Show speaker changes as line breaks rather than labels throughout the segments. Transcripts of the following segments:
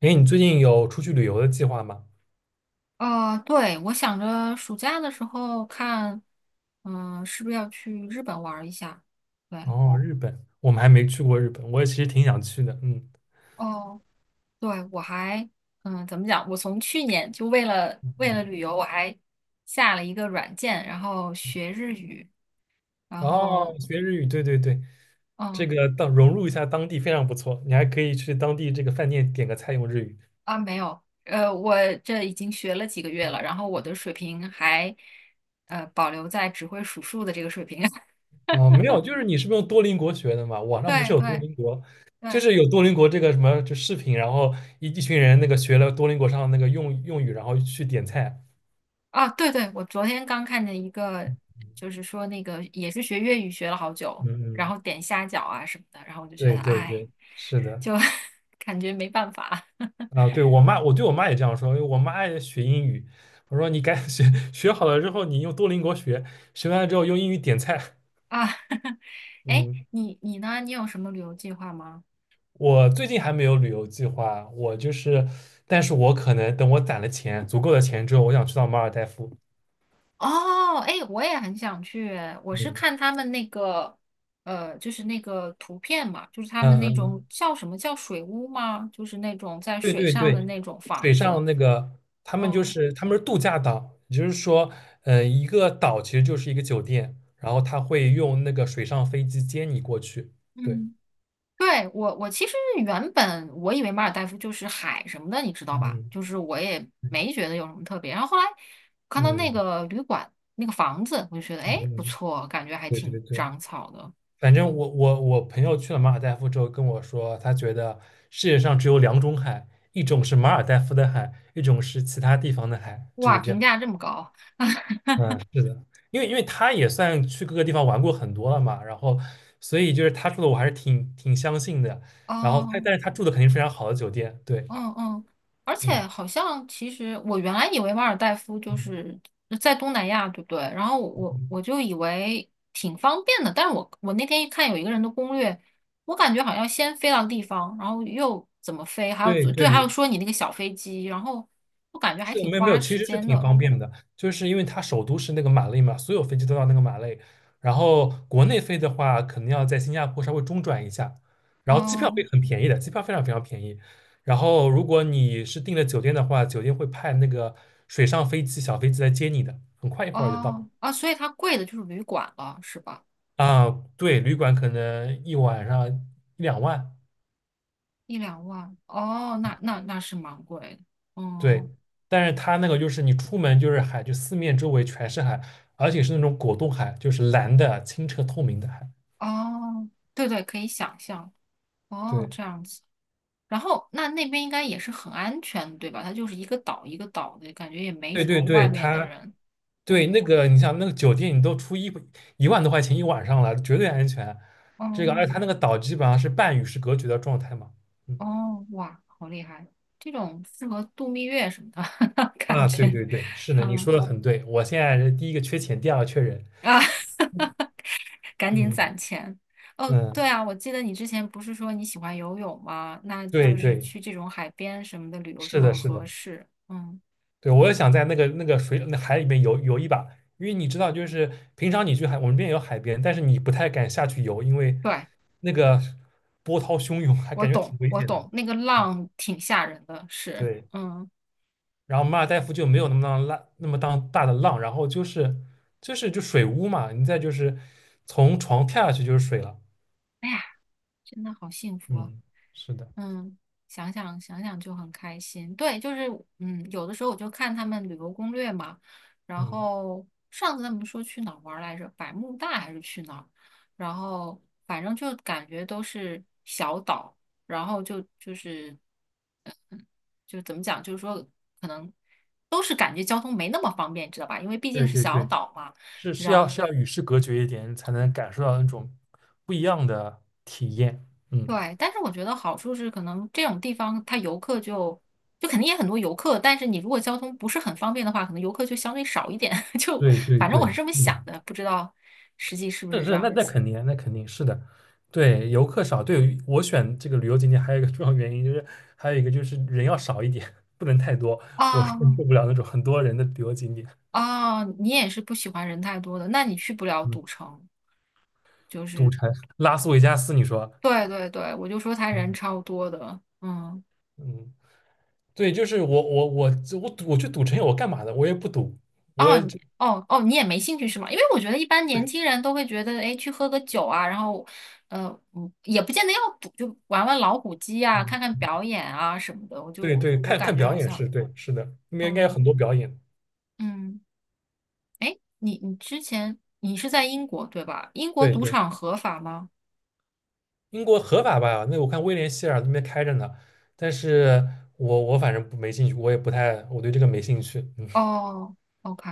哎，你最近有出去旅游的计划吗？
对，我想着暑假的时候看，嗯，是不是要去日本玩儿一下？对，
哦，日本，我们还没去过日本，我也其实挺想去的。嗯
哦，对，我还，怎么讲？我从去年就为了
嗯
为了
嗯，
旅游，我还下了一个软件，然后学日语，然
哦，
后，
学日语，对对对，这
嗯，
个当融入一下当地非常不错。你还可以去当地这个饭店点个菜用日语。
啊，没有，我这已经学了几个月了，然后我的水平还，保留在只会数数的这个水平。
啊、没有，就是你是不是用多邻国学的嘛？网上不
对
是有多
对
邻国，就
对，
是有多邻国这个什么就视频，然后一群人那个学了多邻国上的那个用语，然后去点菜。
啊，对对，我昨天刚看见一个，就是说那个也是学粤语学了好久，
嗯
然
嗯，
后点虾饺啊什么的，然后我就觉
对
得，
对
哎，
对，是的。
就 感觉没办法
啊，对，我对我妈也这样说，因为我妈爱学英语，我说你赶紧学，学好了之后你用多邻国学，学完了之后用英语点菜。
啊。哎，
嗯，
你呢？你有什么旅游计划吗？
我最近还没有旅游计划，我就是，但是我可能等我攒了钱，足够的钱之后，我想去到马尔代夫。
哦，哎，我也很想去，我是
嗯
看他们那个，就是那个图片嘛，就是他们
嗯
那种
嗯，
叫什么叫水屋吗？就是那种在
对
水
对
上的
对，
那种房
水
子。
上那个他们就
嗯
是他们是度假岛，也就是说，一个岛其实就是一个酒店，然后他会用那个水上飞机接你过去。对，
嗯。对，我其实原本我以为马尔代夫就是海什么的，你知道吧？
嗯
就是我也
嗯。
没觉得有什么特别。然后后来看到
嗯
那个旅馆那个房子，我就觉得哎不
嗯，
错，感觉还
对对
挺
对，
长草的。
反正我朋友去了马尔代夫之后跟我说，他觉得世界上只有两种海，一种是马尔代夫的海，一种是其他地方的海，就
哇，
是这
评
样。
价这么高，
嗯，是的，因为他也算去各个地方玩过很多了嘛，然后所以就是他住的我还是挺相信的。然后他
哦、
但是他住的肯定是非常好的酒店，对，
嗯嗯，而且
嗯
好像其实我原来以为马尔代夫就
嗯，
是在东南亚，对不对？然后我
嗯
我就以为挺方便的，但是我那天一看有一个人的攻略，我感觉好像先飞到地方，然后又怎么飞，还有
对
对，还
对
有说你那个小飞机，然后我感觉还
是
挺
没有没
花
有，其
时
实是
间
挺
的。
方便的，就是因为它首都是那个马累嘛，所有飞机都到那个马累。然后国内飞的话，可能要在新加坡稍微中转一下，然后机票
哦
会很便宜的，机票非常非常便宜。然后如果你是订了酒店的话，酒店会派那个水上飞机、小飞机来接你的，很快一会儿就到。
哦啊，所以它贵的就是旅馆了，是吧？
啊，对，旅馆可能一晚上一两万，
一两万哦，那是蛮贵的。
对，
嗯
但是它那个就是你出门就是海，就四面周围全是海，而且是那种果冻海，就是蓝的、清澈透明的海。
哦，对对，可以想象。哦，
对，
这样子。然后那边应该也是很安全的对吧？它就是一个岛一个岛的，感觉也没
对
什
对
么
对，
外面的
它
人。
对那
嗯，
个你想那个酒店，你都出一万多块钱一晚上了，绝对安全。这个，
哦，
而且它那个岛基本上是半与世隔绝的状态嘛。嗯
哦，哇，好厉害！这种适合度蜜月什么的 感
啊，对
觉。
对对，是的，你
嗯
说的很对。我现在是第一个缺钱，第二个缺人。
啊，赶紧
嗯
攒钱。哦，
嗯，
对啊，我记得你之前不是说你喜欢游泳吗？那
对
就是
对，
去这种海边什么的旅游就
是的，
很
是
合
的。
适。嗯，
对，我也想在那个水那海里面游游一把，因为你知道，就是平常你去海，我们这边有海边，但是你不太敢下去游，因为
对，
那个波涛汹涌，还
我
感觉
懂，
挺危
我
险的。
懂，那个
嗯
浪挺吓人的，是，
对，
嗯。
然后马尔代夫就没有那么当浪那么当大的浪，然后就是就是就水屋嘛，你再就是从床跳下去就是水了。
哎呀。真的好幸福啊，
嗯，是的，
嗯，想想想想就很开心。对，就是有的时候我就看他们旅游攻略嘛，然
嗯，
后上次他们说去哪儿玩儿来着，百慕大还是去哪儿，然后反正就感觉都是小岛，然后就是 就怎么讲，就是说可能都是感觉交通没那么方便，知道吧？因为毕竟
对
是
对
小
对，
岛嘛。
是是
然
要
后。
是要与世隔绝一点，才能感受到那种不一样的体验。嗯，
对，但是我觉得好处是，可能这种地方它游客就肯定也很多游客，但是你如果交通不是很方便的话，可能游客就相对少一点。就
对对
反正我
对，
是这么
是
想
的。
的，不知道实际是不是
是
这
是，
样子。
那肯定是的，对，游客少，对我选这个旅游景点还有一个重要原因就是，还有一个就是人要少一点，不能太多，我是
啊
受不了那种很多人的旅游景点。
啊，你也是不喜欢人太多的，那你去不了
嗯，
赌城。就
赌
是
城、拉斯维加斯，你说，
对对对，我就说他人
嗯
超多的，嗯。
嗯，对，就是我赌我去赌城我干嘛的？我也不赌，我
哦
也
你
就
哦哦，你也没兴趣是吗？因为我觉得一般年轻人都会觉得，哎，去喝个酒啊，然后，呃，也不见得要赌，就玩玩老虎机啊，
嗯，
看看表演啊什么的。
对对，
我
看
感
看
觉
表
好
演
像，
是对，是的，那边应该有
嗯
很多表演，
嗯，哎，你之前你是在英国对吧？英国
对
赌
对。
场合法吗？
英国合法吧？那我看威廉希尔那边开着呢，但是我反正不没兴趣，我也不太，我对这个没兴趣。嗯，
哦，OK，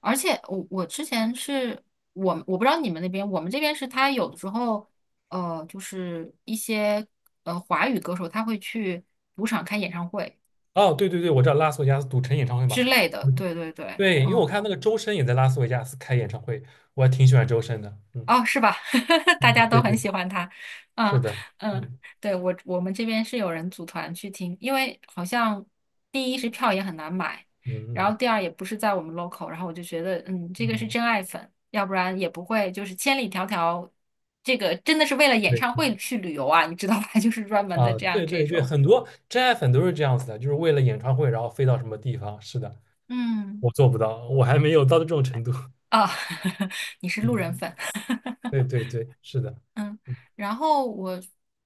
而且我之前是我们我不知道你们那边，我们这边是他有的时候，就是一些华语歌手他会去赌场开演唱会
哦，对对对，我知道拉斯维加斯赌城演唱会嘛，
之类的，
嗯
对对对，
对，因为我
嗯。
看那个周深也在拉斯维加斯开演唱会，我还挺喜欢周深的。嗯
哦，是吧？大
嗯，
家都
对
很
对，
喜欢他。
是
嗯
的，
嗯，
嗯
对，我们这边是有人组团去听，因为好像第一是票也很难买，
嗯
然
嗯
后第二也不是在我们 local，然后我就觉得，这个是
嗯，
真爱粉，要不然也不会就是千里迢迢，这个真的是为了演
对
唱会去旅游啊，你知道吧？就是专门的
啊，
这样
对
这
对对，
种，
很多真爱粉都是这样子的，就是为了演唱会然后飞到什么地方。是的，
嗯，
我做不到，我还没有到这种程度。
啊、你是路人
嗯，
粉。
对对对，是的，
嗯，
嗯
然后我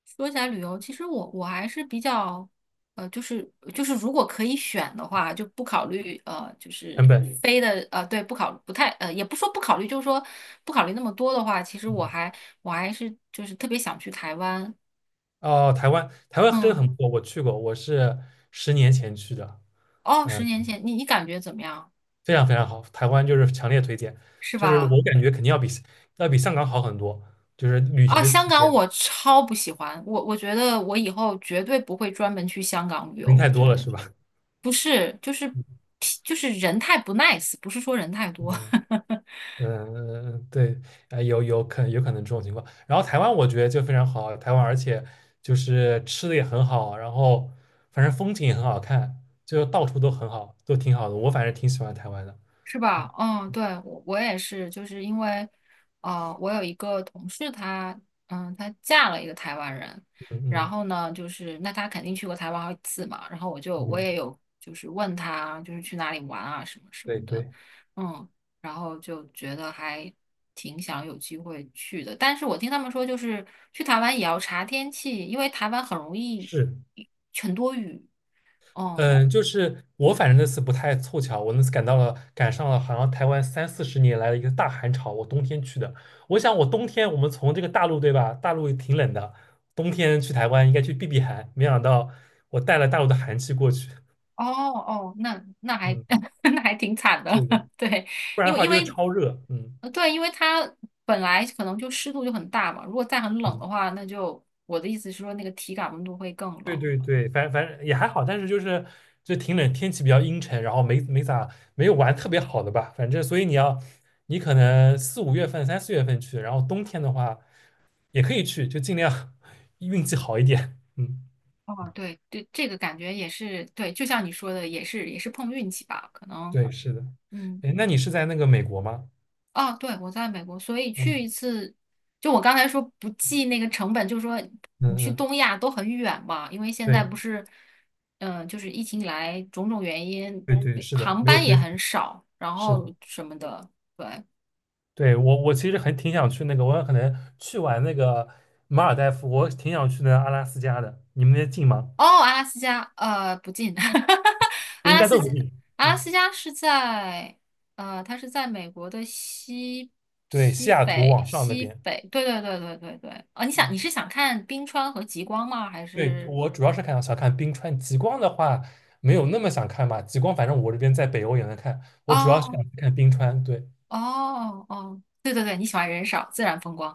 说起来旅游，其实我还是比较，呃，就是就是如果可以选的话，就不考虑就是
成本。
飞的对，不考不太也不说不考虑，就是说不考虑那么多的话，其实我
嗯，
还我还是就是特别想去台湾。
哦，台湾，台湾真的
嗯，
很不错，我去过，我是10年前去的，
哦，十
嗯，
年前你感觉怎么样？
非常非常好，台湾就是强烈推荐，
是
就是我
吧？
感觉肯定要比香港好很多，就是旅行
啊，
的
香
体
港
验，
我超不喜欢，我觉得我以后绝对不会专门去香港旅游，
人太
我
多
觉
了
得。
是吧？
不是，就是 就是人太不 nice，不是说人太多，
嗯 嗯，嗯对，啊有可能这种情况。然后台湾我觉得就非常好，台湾而且就是吃的也很好，然后反正风景也很好看，就到处都很好，都挺好的。我反正挺喜欢台湾的。
是吧？
嗯
嗯，对，我也是，就是因为，我有一个同事她，她嫁了一个台湾人，
嗯
然
嗯
后呢，就是那她肯定去过台湾好几次嘛，然后我
嗯，
也有就是问她就是去哪里玩啊什么什
对
么的，
对。
嗯，然后就觉得还挺想有机会去的，但是我听他们说就是去台湾也要查天气，因为台湾很容易
是，
很多雨，嗯。
嗯，就是我反正那次不太凑巧，我那次赶上了好像台湾三四十年来的一个大寒潮，我冬天去的。我想我冬天我们从这个大陆对吧，大陆也挺冷的，冬天去台湾应该去避避寒，没想到我带了大陆的寒气过去，
哦哦，那还
嗯，
那还挺惨的，
是的，
对，
不然
因
的
为
话
因
就是
为
超热，嗯。
对，因为它本来可能就湿度就很大嘛，如果再很冷的话，那就我的意思是说，那个体感温度会更
对
冷。
对对，反正也还好，但是就挺冷，天气比较阴沉，然后没有玩特别好的吧，反正所以你可能四五月份、三四月份去，然后冬天的话也可以去，就尽量 运气好一点。嗯，
哦，对对，这个感觉也是对，就像你说的，也是碰运气吧，可能，
对，是的。
嗯。
哎，那你是在那个美国吗？
啊，对，我在美国，所以
嗯
去一次，就我刚才说不计那个成本，就是说
嗯
你去
嗯，
东亚都很远嘛，因为现在不
对
是，就是疫情以来种种原因，
对对，是的，
航
没有
班也
恢复，
很少，然
是
后
的。
什么的。
对我其实挺想去那个，我可能去完那个马尔代夫，我挺想去那个阿拉斯加的，你们那近吗？
哦，阿拉斯加，不近，阿
应
拉
该
斯
都
加，
不近。
阿拉
嗯
斯加是在，它是在美国的西
对，
西
西雅图
北
往上那
西
边，
北，对对对对对对。啊、你想你
嗯，
是想看冰川和极光吗？还
对，
是？
我主要是想看冰川，极光的话没有那么想看吧，极光反正我这边在北欧也能看，我主要是
哦
想看冰川，对，
哦哦，对对对，你喜欢人少，自然风光。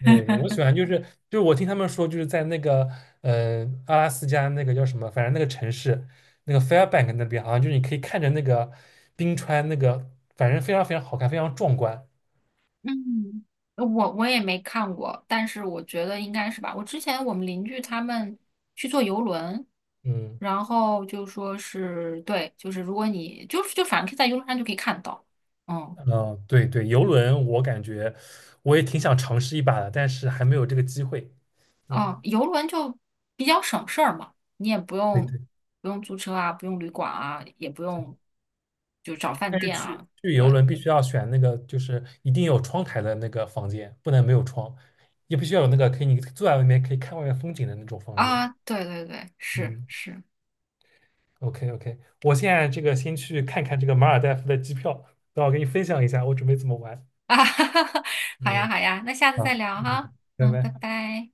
对，我喜 欢就是我听他们说就是在那个呃阿拉斯加那个叫什么，反正那个城市那个 Fairbank 那边好像就是你可以看着那个冰川那个，反正非常非常好看，非常壮观，
嗯，我也没看过，但是我觉得应该是吧。我之前我们邻居他们去坐游轮，
嗯
然后就说是对，就是如果你就是就反正可以在游轮上就可以看到，嗯
嗯，对对，游轮我感觉我也挺想尝试一把的，但是还没有这个机会，
嗯，
嗯。
游轮就比较省事儿嘛，你也不
对
用
对。
不用租车啊，不用旅馆啊，也不用就找饭
但是
店
去
啊，
去游
对
轮必须要选那个，就是一定有窗台的那个房间，不能没有窗，也必须要有那个可以你坐在外面可以看外面风景的那种房间。
啊，对对对，是
嗯
是。
，OK OK，我现在这个先去看看这个马尔代夫的机票，等会儿给你分享一下我准备怎么玩。
啊，哈哈哈，好呀
嗯，
好呀，那下次再
好，
聊
嗯，
哈，
拜
嗯，拜
拜。
拜。